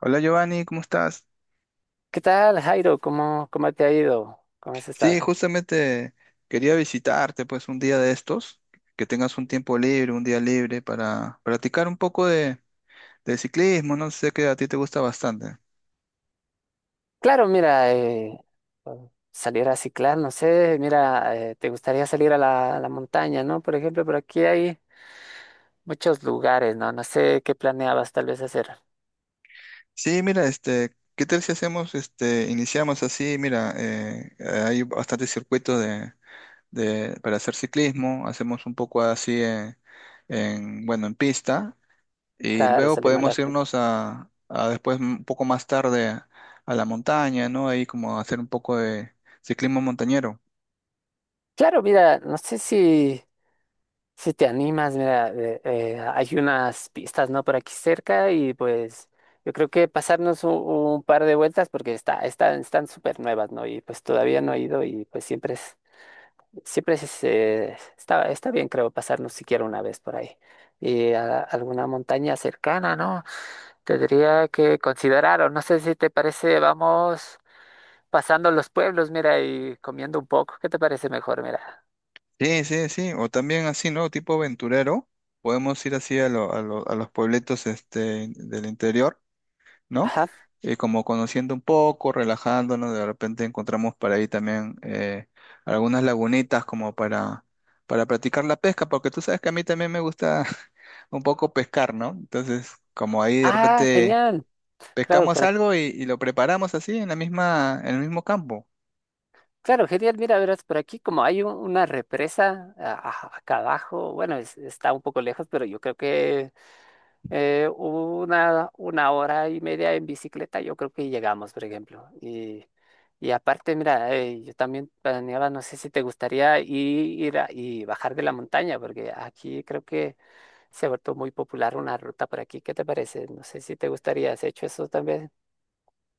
Hola Giovanni, ¿cómo estás? ¿Qué tal, Jairo? ¿Cómo te ha ido? ¿Cómo has Sí, estado? justamente quería visitarte pues un día de estos, que tengas un tiempo libre, un día libre para practicar un poco de ciclismo, no sé que a ti te gusta bastante. Claro, mira, bueno, salir a ciclar, no sé, mira, te gustaría salir a la montaña, ¿no? Por ejemplo, por aquí hay muchos lugares, ¿no? No sé qué planeabas tal vez hacer. Sí, mira, ¿qué tal si hacemos, iniciamos así? Mira, hay bastantes circuitos para hacer ciclismo, hacemos un poco así bueno, en pista. Y Claro, luego salir a podemos irnos a después, un poco más tarde, a la montaña, ¿no? Ahí como hacer un poco de ciclismo montañero. Claro, mira, no sé si, te animas, mira, hay unas pistas, ¿no? Por aquí cerca y pues. Yo creo que pasarnos un par de vueltas porque están súper nuevas, ¿no? Y pues todavía no he ido y pues siempre es. Siempre es, está bien, creo, pasarnos siquiera una vez por ahí. Y a alguna montaña cercana, ¿no? Tendría que considerar, o no sé si te parece, vamos pasando los pueblos, mira, y comiendo un poco. ¿Qué te parece mejor, mira? Sí, sí, sí. O también así, ¿no? Tipo aventurero. Podemos ir así a los puebletos del interior, ¿no? Ajá. Y como conociendo un poco, relajándonos, de repente encontramos por ahí también algunas lagunitas como para practicar la pesca, porque tú sabes que a mí también me gusta un poco pescar, ¿no? Entonces, como ahí de Ah, repente genial. Claro, pescamos por ac- algo y lo preparamos así en la misma, en el mismo campo. Claro, genial. Mira, verás, por aquí como hay una represa acá abajo, bueno, está un poco lejos, pero yo creo que una hora y media en bicicleta, yo creo que llegamos, por ejemplo. Y aparte, mira, yo también planeaba, no sé si te gustaría ir, y bajar de la montaña, porque aquí creo que se ha vuelto muy popular una ruta por aquí. ¿Qué te parece? No sé si te gustaría, ¿has hecho eso también?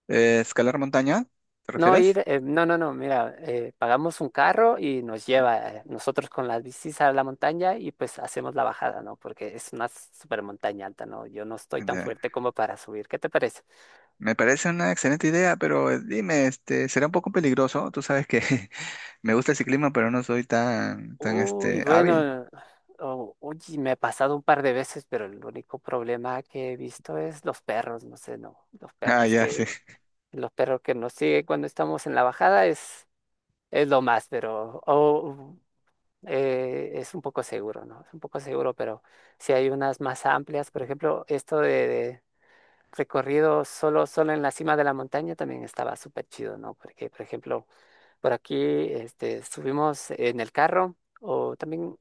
Escalar montaña, ¿te No refieres? ir, no, no, no, mira, pagamos un carro y nos lleva nosotros con las bicis a la montaña y pues hacemos la bajada, ¿no? Porque es una super montaña alta, ¿no? Yo no estoy tan Ya. fuerte como para subir. ¿Qué te parece? Me parece una excelente idea, pero dime, será un poco peligroso. Tú sabes que me gusta ese clima, pero no soy tan, Uy, hábil. bueno, oye, me ha pasado un par de veces, pero el único problema que he visto es los perros, no sé, no, los Ah, perros ya, sí, que, los perros que nos siguen cuando estamos en la bajada es lo más, pero es un poco seguro, ¿no? Es un poco seguro, pero si hay unas más amplias, por ejemplo, esto de recorrido solo en la cima de la montaña también estaba súper chido, ¿no? Porque, por ejemplo, por aquí, este, subimos en el carro o también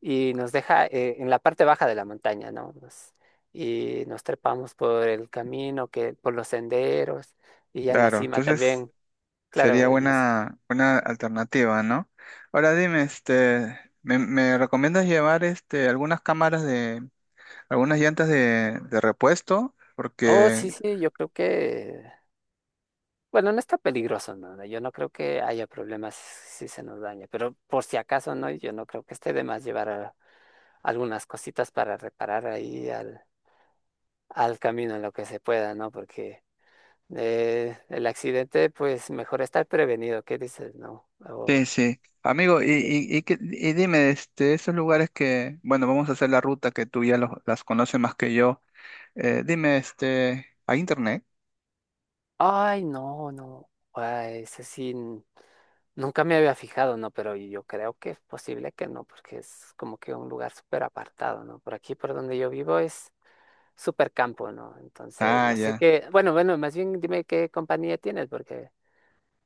y nos deja en la parte baja de la montaña, ¿no? Y nos trepamos por el camino, que, por los senderos, y ya en la claro. cima Entonces también, sería claro, nos. Buena alternativa, ¿no? Ahora dime, me recomiendas llevar, algunas cámaras de, algunas llantas de repuesto? Oh, Porque sí, sí, yo creo que, bueno, no está peligroso, ¿no? Yo no creo que haya problemas si se nos daña, pero por si acaso, ¿no? Yo no creo que esté de más llevar algunas cositas para reparar ahí al camino en lo que se pueda, ¿no? Porque el accidente, pues mejor estar prevenido, ¿qué dices? No. sí, sí. Amigo, y dime, esos lugares que, bueno, vamos a hacer la ruta que tú ya las conoces más que yo. Dime, ¿hay internet? Ay, no, no. Ay, ese sí, nunca me había fijado, ¿no? Pero yo creo que es posible que no, porque es como que un lugar súper apartado, ¿no? Por aquí, por donde yo vivo, es súper campo, ¿no? Entonces, Ah, no sé ya. qué. Bueno, bueno, más bien dime qué compañía tienes, porque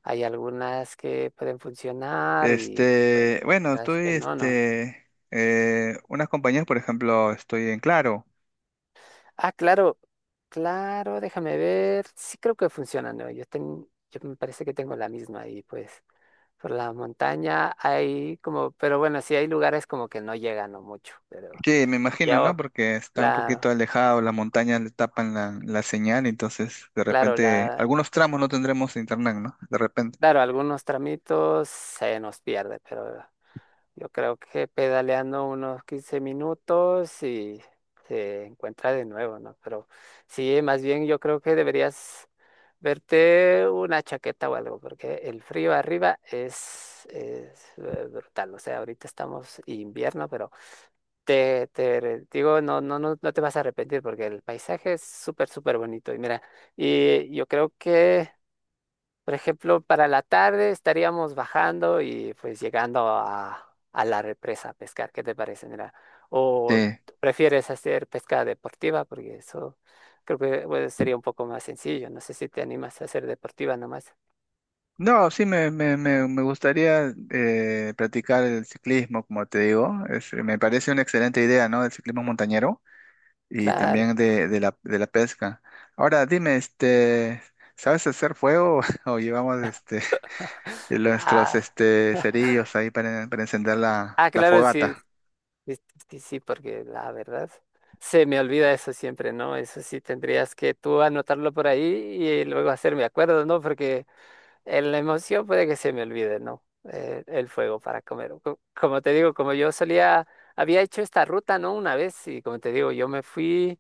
hay algunas que pueden funcionar y pues Bueno, las que no, ¿no? Unas compañías, por ejemplo, estoy en Claro. Ah, claro, claro, déjame ver. Sí creo que funcionan, ¿no? Yo me parece que tengo la misma y pues. Por la montaña hay como, pero bueno, sí hay lugares como que no llegan o mucho, pero Sí, me imagino, ¿no? ya, Porque está un poquito claro, alejado, las montañas le tapan la señal, entonces de claro, repente algunos tramos no tendremos internet, ¿no? De repente. claro, algunos tramitos se nos pierde, pero yo creo que pedaleando unos 15 minutos y se encuentra de nuevo, ¿no? Pero sí, más bien yo creo que deberías verte una chaqueta o algo, porque el frío arriba es, es brutal, o sea, ahorita estamos invierno, pero. Te digo, no, no, no, no te vas a arrepentir porque el paisaje es súper, súper bonito. Y mira, y yo creo que, por ejemplo, para la tarde estaríamos bajando y pues llegando a la represa a pescar. ¿Qué te parece? Mira, Sí. o prefieres hacer pesca deportiva porque eso creo que pues, sería un poco más sencillo. No sé si te animas a hacer deportiva nomás. No, sí, me gustaría practicar el ciclismo, como te digo. Me parece una excelente idea, ¿no? El ciclismo montañero y Claro. también de la pesca. Ahora, dime, ¿sabes hacer fuego o llevamos nuestros Ah. Cerillos ahí para encender Ah, la claro, sí, fogata? es que sí, porque la verdad se me olvida eso siempre, ¿no? Eso sí tendrías que tú anotarlo por ahí y luego hacerme acuerdo, ¿no? Porque en la emoción puede que se me olvide, ¿no? El fuego para comer. Como te digo, como yo solía, había hecho esta ruta, ¿no? Una vez y como te digo, yo me fui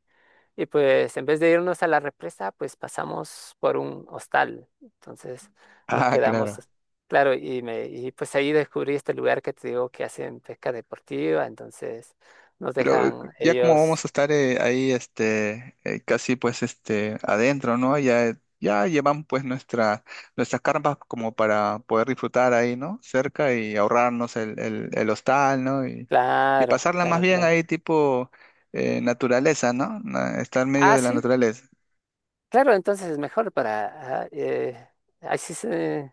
y pues en vez de irnos a la represa, pues pasamos por un hostal. Entonces nos Ah, quedamos, claro. Claro, y pues ahí descubrí este lugar que te digo que hacen pesca deportiva, entonces nos Creo, dejan ya como vamos ellos, a estar ahí casi pues este adentro, ¿no? Ya llevamos pues nuestras carpas como para poder disfrutar ahí, ¿no? Cerca y ahorrarnos el hostal, ¿no? Y claro, pasarla más claro, bien claro. ahí tipo naturaleza, ¿no? Estar en medio Ah, de la sí, naturaleza. claro, entonces es mejor para. Así se.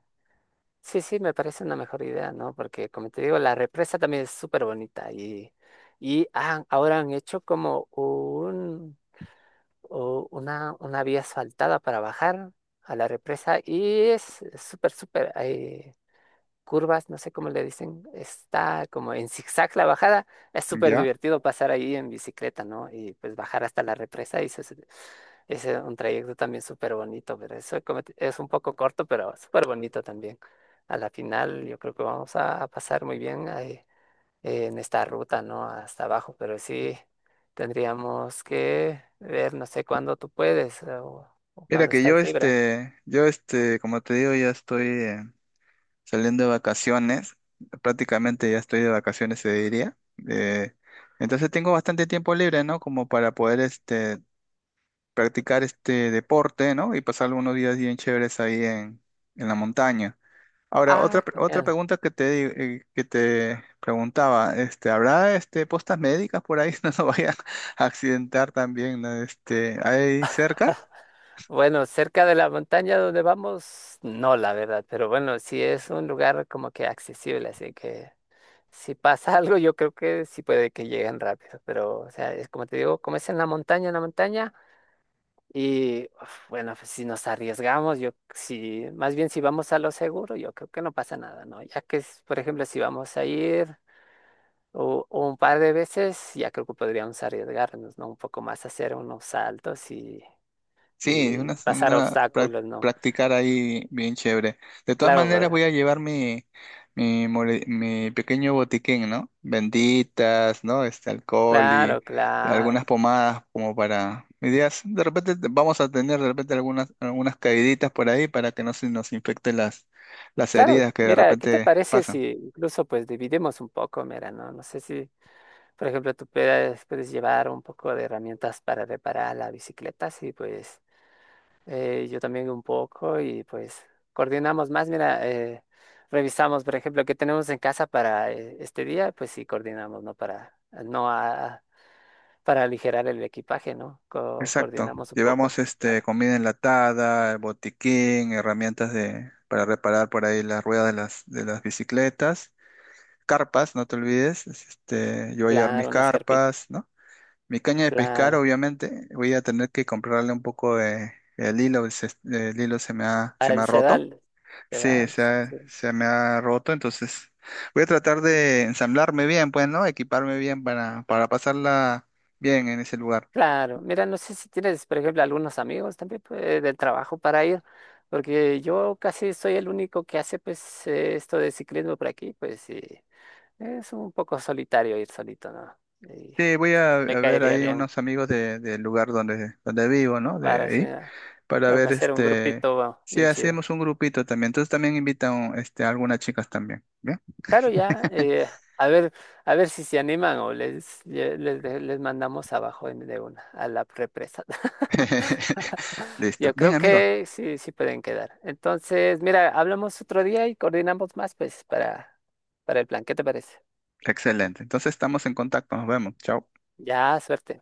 Sí, sí, me parece una mejor idea, ¿no? Porque como te digo, la represa también es súper bonita y ahora han hecho como un, o una vía asfaltada para bajar a la represa y es súper, súper, curvas, no sé cómo le dicen, está como en zigzag la bajada. Es súper Ya. divertido pasar ahí en bicicleta, ¿no? Y pues bajar hasta la represa y es un trayecto también súper bonito, pero eso es un poco corto, pero súper bonito también. A la final yo creo que vamos a pasar muy bien ahí, en esta ruta, ¿no? Hasta abajo, pero sí tendríamos que ver, no sé cuándo tú puedes o, Mira cuándo que estás libre. Yo este como te digo ya estoy salían de vacaciones, prácticamente ya estoy de vacaciones, se diría. Eh, entonces tengo bastante tiempo libre, ¿no? Como para poder practicar este deporte, ¿no? Y pasar unos días bien chéveres ahí en la montaña. Ahora, Ah, otra genial. pregunta que te preguntaba, ¿habrá postas médicas por ahí? No, no vaya a accidentar también, ¿no? ¿Hay cerca? Bueno, cerca de la montaña donde vamos, no, la verdad, pero bueno, sí es un lugar como que accesible, así que si pasa algo, yo creo que sí puede que lleguen rápido, pero o sea, es como te digo, como es en la montaña, y uf, bueno, pues si nos arriesgamos, yo sí, más bien si vamos a lo seguro, yo creo que no pasa nada, ¿no? Ya que, es, por ejemplo, si vamos a ir un par de veces, ya creo que podríamos arriesgarnos, ¿no? Un poco más hacer unos saltos y, Sí, es y una pasar segunda, obstáculos, ¿no? practicar ahí bien chévere. De todas Claro, maneras pues, voy a llevar mi pequeño botiquín, ¿no? Benditas, ¿no? Este alcohol y claro, algunas claro. pomadas como para... Mi de repente vamos a tener de repente algunas, algunas caíditas por ahí para que no se nos infecten las Claro, heridas que de mira, ¿qué te repente parece pasan. si incluso pues dividimos un poco? Mira, no, no sé si, por ejemplo, tú puedes llevar un poco de herramientas para reparar la bicicleta, sí, pues yo también un poco y pues coordinamos más, mira, revisamos, por ejemplo, qué tenemos en casa para este día, pues sí, coordinamos, ¿no? Para, no a- para aligerar el equipaje, ¿no? Co- Exacto. coordinamos un poco. Llevamos este Claro. comida enlatada, el botiquín, herramientas de para reparar por ahí las ruedas de las bicicletas, carpas, no te olvides. Este, yo voy a llevar mis Claro, unas carpitas, carpas, ¿no? Mi caña de pescar, claro. obviamente, voy a tener que comprarle un poco de el hilo, el hilo se me Al ha roto. sedal. Sí, Sedal, sí. se me ha roto, entonces voy a tratar de ensamblarme bien, pues, ¿no? Equiparme bien para pasarla bien en ese lugar. Claro, mira, no sé si tienes, por ejemplo, algunos amigos también pues, del trabajo para ir, porque yo casi soy el único que hace pues esto de ciclismo por aquí, pues sí, es un poco solitario ir solito, ¿no? Y Sí, voy me a ver caería ahí bien unos amigos del lugar donde vivo, ¿no? De para, ahí. hacer- Para para ver hacer un grupito bueno, si bien chido. hacemos un grupito también. Entonces también invitan a algunas chicas también, ¿bien? Claro, ya, a ver, a ver si se animan o les mandamos abajo de una, a la represa. Listo. Yo Bien, creo amigo. que sí, sí pueden quedar. Entonces, mira, hablamos otro día y coordinamos más, pues, para el plan. ¿Qué te parece? Excelente. Entonces estamos en contacto. Nos vemos. Chao. Ya, suerte.